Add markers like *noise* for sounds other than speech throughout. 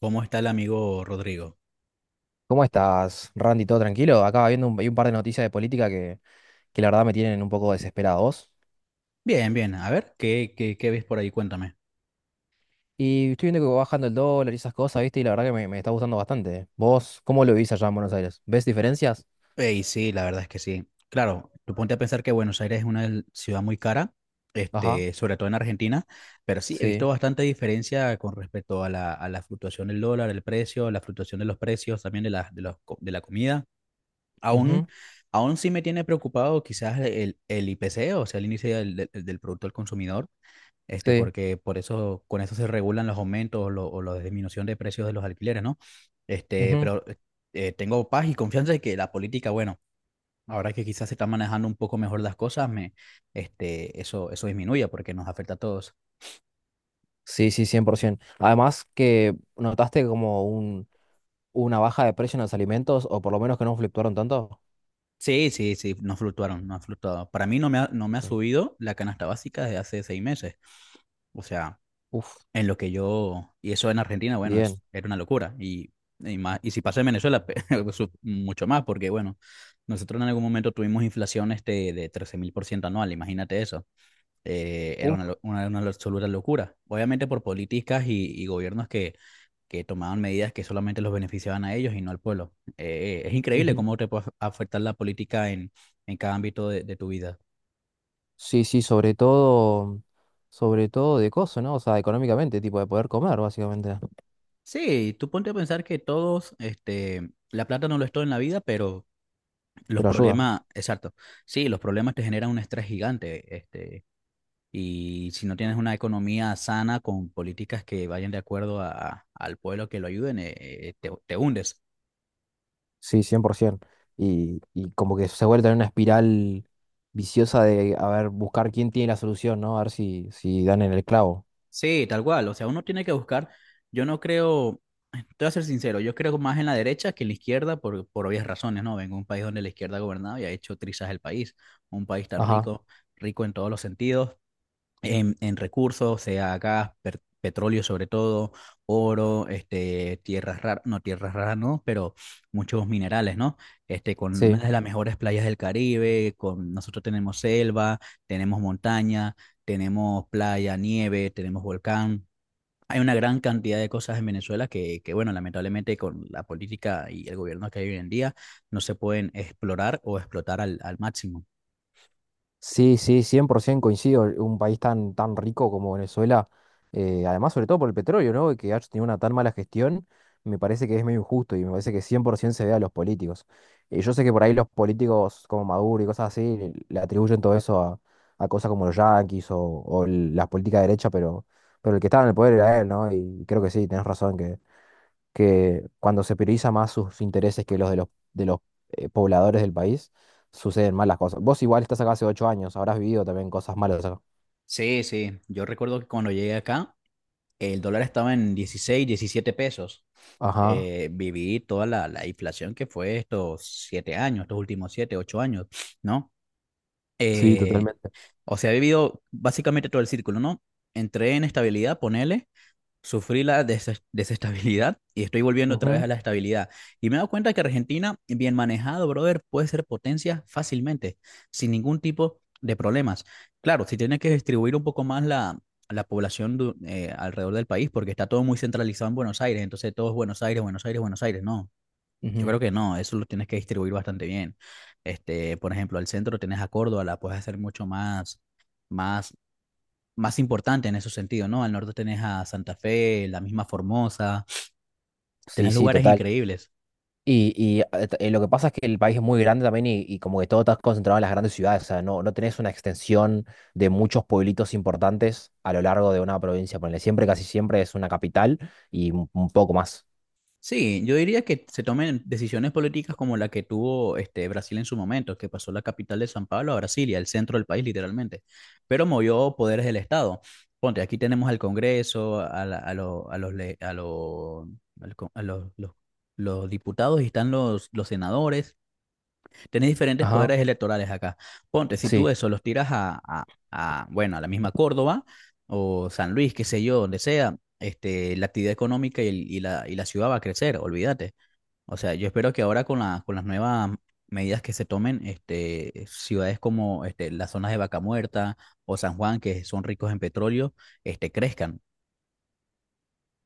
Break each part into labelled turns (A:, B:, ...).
A: ¿Cómo está el amigo Rodrigo?
B: ¿Cómo estás, Randy? ¿Todo tranquilo? Acá viendo hay un par de noticias de política que la verdad me tienen un poco desesperados.
A: Bien, bien. A ver, ¿qué ves por ahí? Cuéntame.
B: Y estoy viendo que va bajando el dólar y esas cosas, ¿viste? Y la verdad que me está gustando bastante. ¿Vos cómo lo vivís allá en Buenos Aires? ¿Ves diferencias?
A: Ey, sí, la verdad es que sí. Claro, tú ponte a pensar que Buenos Aires es ciudad muy cara,
B: Ajá,
A: sobre todo en Argentina, pero sí, he visto
B: sí.
A: bastante diferencia con respecto a la fluctuación del dólar, el precio, la fluctuación de los precios, también de la, de los co- de la comida. Aún,
B: Ujú,
A: aún sí me tiene preocupado quizás el IPC, o sea, el índice del Producto al Consumidor,
B: sí.
A: porque por eso, con eso se regulan los aumentos, o la disminución de precios de los alquileres, ¿no? Este,
B: Ujú.
A: pero eh, tengo paz y confianza de que la política, bueno, ahora que quizás se están manejando un poco mejor las cosas, eso disminuye porque nos afecta a todos.
B: Sí, sí, 100%. Además que notaste como una baja de precio en los alimentos, o por lo menos que no fluctuaron tanto.
A: Sí, sí, sí, no fluctuaron, no han fluctuado. Para mí no me ha
B: Ok.
A: subido la canasta básica desde hace 6 meses. O sea,
B: Uf,
A: en lo que yo, y eso en Argentina, bueno,
B: bien.
A: es, era una locura. Y más, y si pasa en Venezuela, *laughs* mucho más, porque bueno, nosotros en algún momento tuvimos inflación de 13.000% anual, imagínate eso. Era una,
B: Uf.
A: lo- una, una absoluta locura. Obviamente por políticas y gobiernos que tomaban medidas que solamente los beneficiaban a ellos y no al pueblo. Es increíble cómo te puede afectar la política en cada ámbito de tu vida.
B: Sí, sí, sobre todo de coso, ¿no? O sea, económicamente, tipo de poder comer, básicamente.
A: Sí, tú ponte a pensar que todos, la plata no lo es todo en la vida, pero los
B: Pero ayuda,
A: problemas, exacto. Sí, los problemas te generan un estrés gigante, y si no tienes una economía sana con políticas que vayan de acuerdo al pueblo que lo ayuden, te hundes.
B: sí, 100%. Y como que se vuelve en una espiral viciosa de, a ver, buscar quién tiene la solución, ¿no? A ver si, si dan en el clavo.
A: Sí, tal cual. O sea, uno tiene que buscar, yo no creo, te voy a ser sincero, yo creo más en la derecha que en la izquierda por obvias razones, ¿no? Vengo de un país donde la izquierda ha gobernado y ha hecho trizas el país, un país tan
B: Ajá,
A: rico, rico en todos los sentidos, en recursos, sea gas, petróleo sobre todo, oro, tierras raras no, pero muchos minerales, ¿no? Con una
B: sí.
A: de las mejores playas del Caribe, con nosotros tenemos selva, tenemos montaña, tenemos playa, nieve, tenemos volcán. Hay una gran cantidad de cosas en Venezuela bueno, lamentablemente con la política y el gobierno que hay hoy en día no se pueden explorar o explotar al máximo.
B: Sí, sí, 100% coincido. Un país tan, tan rico como Venezuela, además sobre todo por el petróleo, ¿no? Que ha tenido una tan mala gestión, me parece que es medio injusto y me parece que 100% se ve a los políticos. Yo sé que por ahí los políticos como Maduro y cosas así le atribuyen todo eso a cosas como los yanquis o, las políticas de derecha, pero el que estaba en el poder era él, ¿no? Y creo que sí, tenés razón, que cuando se prioriza más sus intereses que los de los, de los pobladores del país, suceden malas cosas. Vos igual estás acá hace 8 años, habrás vivido también cosas malas acá.
A: Sí, sí, yo recuerdo que cuando llegué acá, el dólar estaba en 16, 17 pesos.
B: Ajá,
A: Viví toda la inflación que fue estos 7 años, estos últimos 7, 8 años, ¿no?
B: sí,
A: Eh,
B: totalmente.
A: o sea, he vivido básicamente todo el círculo, ¿no? Entré en estabilidad, ponele. Sufrí la desestabilidad y estoy volviendo otra vez a
B: Ujú,
A: la estabilidad. Y me he dado cuenta que Argentina, bien manejado, brother, puede ser potencia fácilmente, sin ningún tipo de problemas. Claro, si tienes que distribuir un poco más la población, alrededor del país, porque está todo muy centralizado en Buenos Aires, entonces todo es Buenos Aires, Buenos Aires, Buenos Aires. No, yo
B: ujú.
A: creo que no, eso lo tienes que distribuir bastante bien. Por ejemplo, al centro tenés a Córdoba, la puedes hacer mucho más, más más importante en ese sentido, ¿no? Al norte tenés a Santa Fe, la misma Formosa,
B: Sí,
A: tenés
B: sí,
A: lugares
B: total.
A: increíbles.
B: Y lo que pasa es que el país es muy grande también y como que todo está concentrado en las grandes ciudades, o sea, no, no tenés una extensión de muchos pueblitos importantes a lo largo de una provincia, ponele, siempre, casi siempre es una capital y un poco más.
A: Sí, yo diría que se tomen decisiones políticas como la que tuvo Brasil en su momento, que pasó la capital de San Pablo a Brasilia, el centro del país literalmente, pero movió poderes del Estado. Ponte, aquí tenemos al Congreso, a, la- a, lo- a los, le- a, lo- al co- a los diputados y están los senadores. Tenés diferentes
B: Ajá,
A: poderes electorales acá. Ponte, si tú
B: sí.
A: eso los tiras bueno, a la misma Córdoba o San Luis, qué sé yo, donde sea, la actividad económica y la ciudad va a crecer, olvídate. O sea, yo espero que ahora con con las nuevas medidas que se tomen, ciudades como las zonas de Vaca Muerta o San Juan, que son ricos en petróleo, crezcan.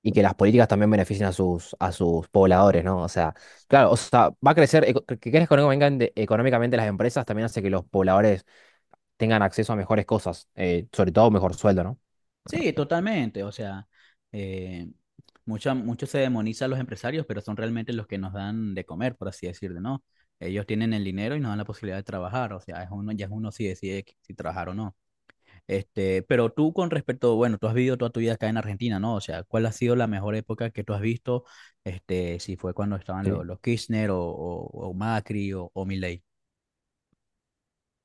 B: Y que las políticas también beneficien a sus pobladores, ¿no? O sea, claro, o sea, va a crecer, que crezcan económicamente, económicamente las empresas también hace que los pobladores tengan acceso a mejores cosas, sobre todo mejor sueldo, ¿no?
A: Sí, totalmente. O sea, eh, mucho se demoniza a los empresarios, pero son realmente los que nos dan de comer, por así decirlo, ¿no? Ellos tienen el dinero y nos dan la posibilidad de trabajar. O sea, es uno, ya es uno si decide si trabajar o no. Pero tú con respecto, bueno, tú has vivido toda tu vida acá en Argentina, ¿no? O sea, ¿cuál ha sido la mejor época que tú has visto? Si fue cuando estaban los,
B: Sí.
A: los Kirchner, o Macri, o Milei.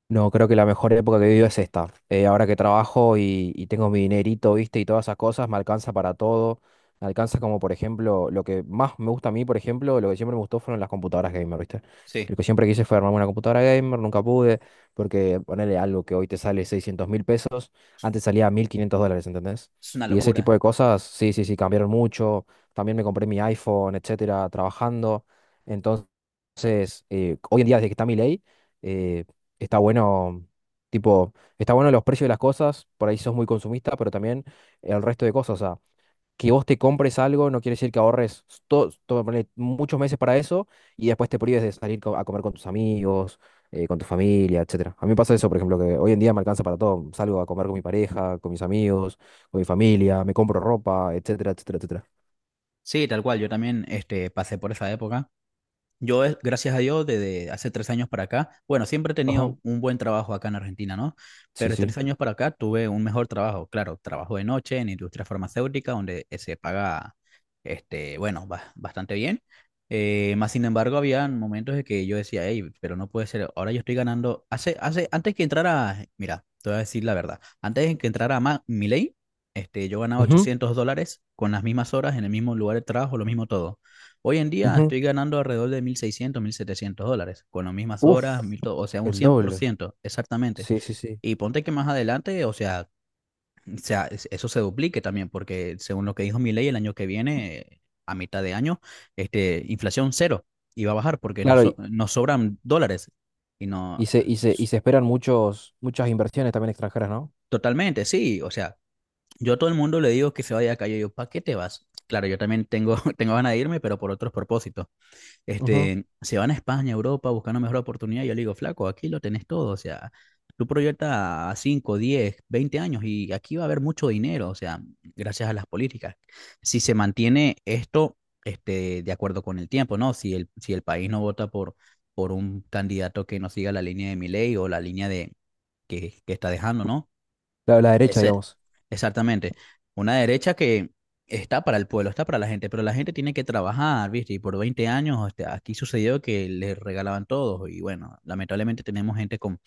B: No, creo que la mejor época que he vivido es esta. Ahora que trabajo y tengo mi dinerito, viste, y todas esas cosas, me alcanza para todo. Me alcanza como, por ejemplo, lo que más me gusta a mí, por ejemplo, lo que siempre me gustó fueron las computadoras gamer, viste.
A: Sí,
B: Lo que siempre quise fue armarme una computadora gamer, nunca pude, porque ponerle algo que hoy te sale 600.000 pesos, antes salía 1.500 dólares, ¿entendés?
A: es una
B: Y ese tipo
A: locura.
B: de cosas, sí, sí, sí, cambiaron mucho. También me compré mi iPhone, etcétera, trabajando. Entonces, hoy en día, desde que está mi ley eh, está bueno, tipo, está bueno los precios de las cosas, por ahí sos muy consumista, pero también el resto de cosas, o sea, que vos te compres algo no quiere decir que ahorres ponele muchos meses para eso y después te prives de salir a comer con tus amigos, con tu familia, etcétera. A mí me pasa eso, por ejemplo, que hoy en día me alcanza para todo, salgo a comer con mi pareja, con mis amigos, con mi familia, me compro ropa, etcétera, etcétera, etcétera.
A: Sí, tal cual. Yo también, pasé por esa época. Yo, gracias a Dios, desde hace 3 años para acá, bueno, siempre he
B: Ajá.
A: tenido un buen trabajo acá en Argentina, ¿no?
B: Sí,
A: Pero de
B: sí.
A: 3 años para acá tuve un mejor trabajo. Claro, trabajo de noche en industria farmacéutica, donde se paga, bastante bien. Más sin embargo, había momentos en que yo decía, hey, pero no puede ser, ahora yo estoy ganando. Antes que entrara, mira, te voy a decir la verdad, antes de que entrara Milei, yo ganaba
B: Ujú,
A: $800 con las mismas horas, en el mismo lugar de trabajo, lo mismo todo. Hoy en día
B: ujú.
A: estoy ganando alrededor de $1.600, $1.700, con las mismas
B: Uf,
A: horas, o sea, un
B: el
A: cien por
B: doble.
A: ciento, exactamente.
B: Sí, sí, sí.
A: Y ponte que más adelante, o sea, eso se duplique también, porque según lo que dijo mi ley, el año que viene, a mitad de año, inflación cero, y va a bajar porque
B: Claro.
A: nos sobran dólares. Y
B: Y
A: no,
B: se, y se, y se esperan muchas inversiones también extranjeras, ¿no?
A: totalmente, sí, o sea, yo a todo el mundo le digo que se vaya a la calle, yo, ¿para qué te vas? Claro, yo también tengo, *laughs* tengo ganas de irme, pero por otros propósitos.
B: Ujú.
A: Se van a España, Europa, buscando mejor oportunidad. Y yo le digo, flaco, aquí lo tenés todo. O sea, tú proyectas a 5, 10, 20 años y aquí va a haber mucho dinero. O sea, gracias a las políticas. Si se mantiene esto, de acuerdo con el tiempo, ¿no? Si el país no vota por un candidato que no siga la línea de Milei o la línea de, que está dejando, ¿no?
B: La derecha,
A: Ese,
B: digamos.
A: exactamente. Una derecha que está para el pueblo, está para la gente, pero la gente tiene que trabajar, ¿viste? Y por 20 años aquí sucedió que les regalaban todos y bueno, lamentablemente tenemos gente con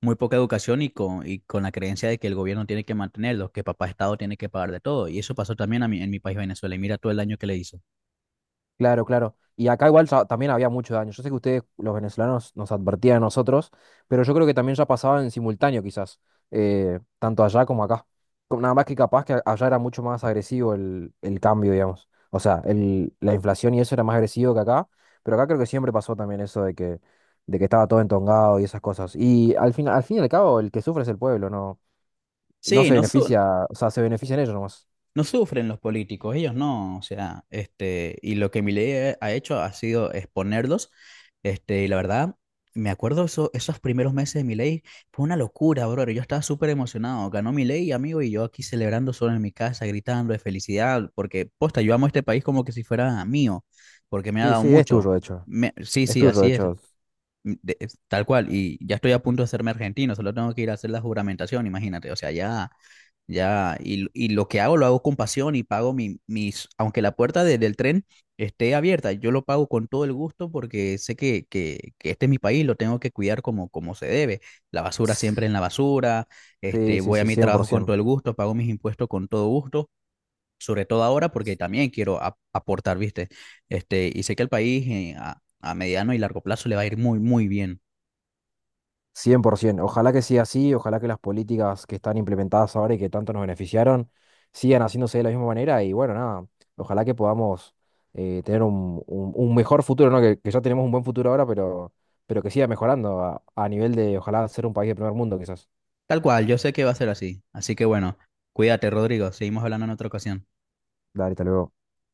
A: muy poca educación y y con la creencia de que el gobierno tiene que mantenerlos, que papá Estado tiene que pagar de todo. Y eso pasó también a mí, en mi país, Venezuela, y mira todo el daño que le hizo.
B: Claro, claro. Y acá igual ya también había mucho daño. Yo sé que ustedes, los venezolanos, nos advertían a nosotros, pero yo creo que también ya pasaba en simultáneo quizás, tanto allá como acá. Nada más que capaz que allá era mucho más agresivo el cambio, digamos. O sea, el, la inflación y eso era más agresivo que acá, pero acá creo que siempre pasó también eso de que estaba todo entongado y esas cosas. Y al fin y al cabo, el que sufre es el pueblo, ¿no? No
A: Sí,
B: se
A: no, su-
B: beneficia, o sea, se benefician ellos nomás.
A: No sufren los políticos, ellos no, o sea, y lo que Milei ha hecho ha sido exponerlos, y la verdad, me acuerdo esos primeros meses de Milei, fue una locura, brother, yo estaba súper emocionado, ganó Milei, amigo, y yo aquí celebrando solo en mi casa, gritando de felicidad, porque, posta, yo amo este país como que si fuera mío, porque me ha
B: Sí,
A: dado
B: sí, es
A: mucho.
B: tuyo, de hecho.
A: Sí,
B: Es
A: sí,
B: tuyo, de
A: así es,
B: hecho.
A: Es tal cual, y ya estoy a punto de hacerme argentino, solo tengo que ir a hacer la juramentación, imagínate, o sea, ya, ya, y lo que hago lo hago con pasión y pago mis, aunque la puerta del tren esté abierta, yo lo pago con todo el gusto porque sé que este es mi país, lo tengo que cuidar como se debe, la basura siempre en la basura,
B: Sí, sí, sí,
A: voy a
B: cien
A: mi
B: cien por
A: trabajo con
B: ciento.
A: todo el gusto, pago mis impuestos con todo gusto. Sobre todo ahora, porque también quiero aportar, ¿viste? Y sé que el país a mediano y largo plazo le va a ir muy, muy bien.
B: Cien por 100%. Ojalá que siga así, ojalá que las políticas que están implementadas ahora y que tanto nos beneficiaron sigan haciéndose de la misma manera y bueno, nada, ojalá que podamos tener un mejor futuro, ¿no? Que ya tenemos un buen futuro ahora, pero que siga mejorando a nivel de, ojalá, ser un país de primer mundo, quizás.
A: Tal cual, yo sé que va a ser así. Así que bueno, cuídate, Rodrigo. Seguimos hablando en otra ocasión.
B: Dale, hasta luego.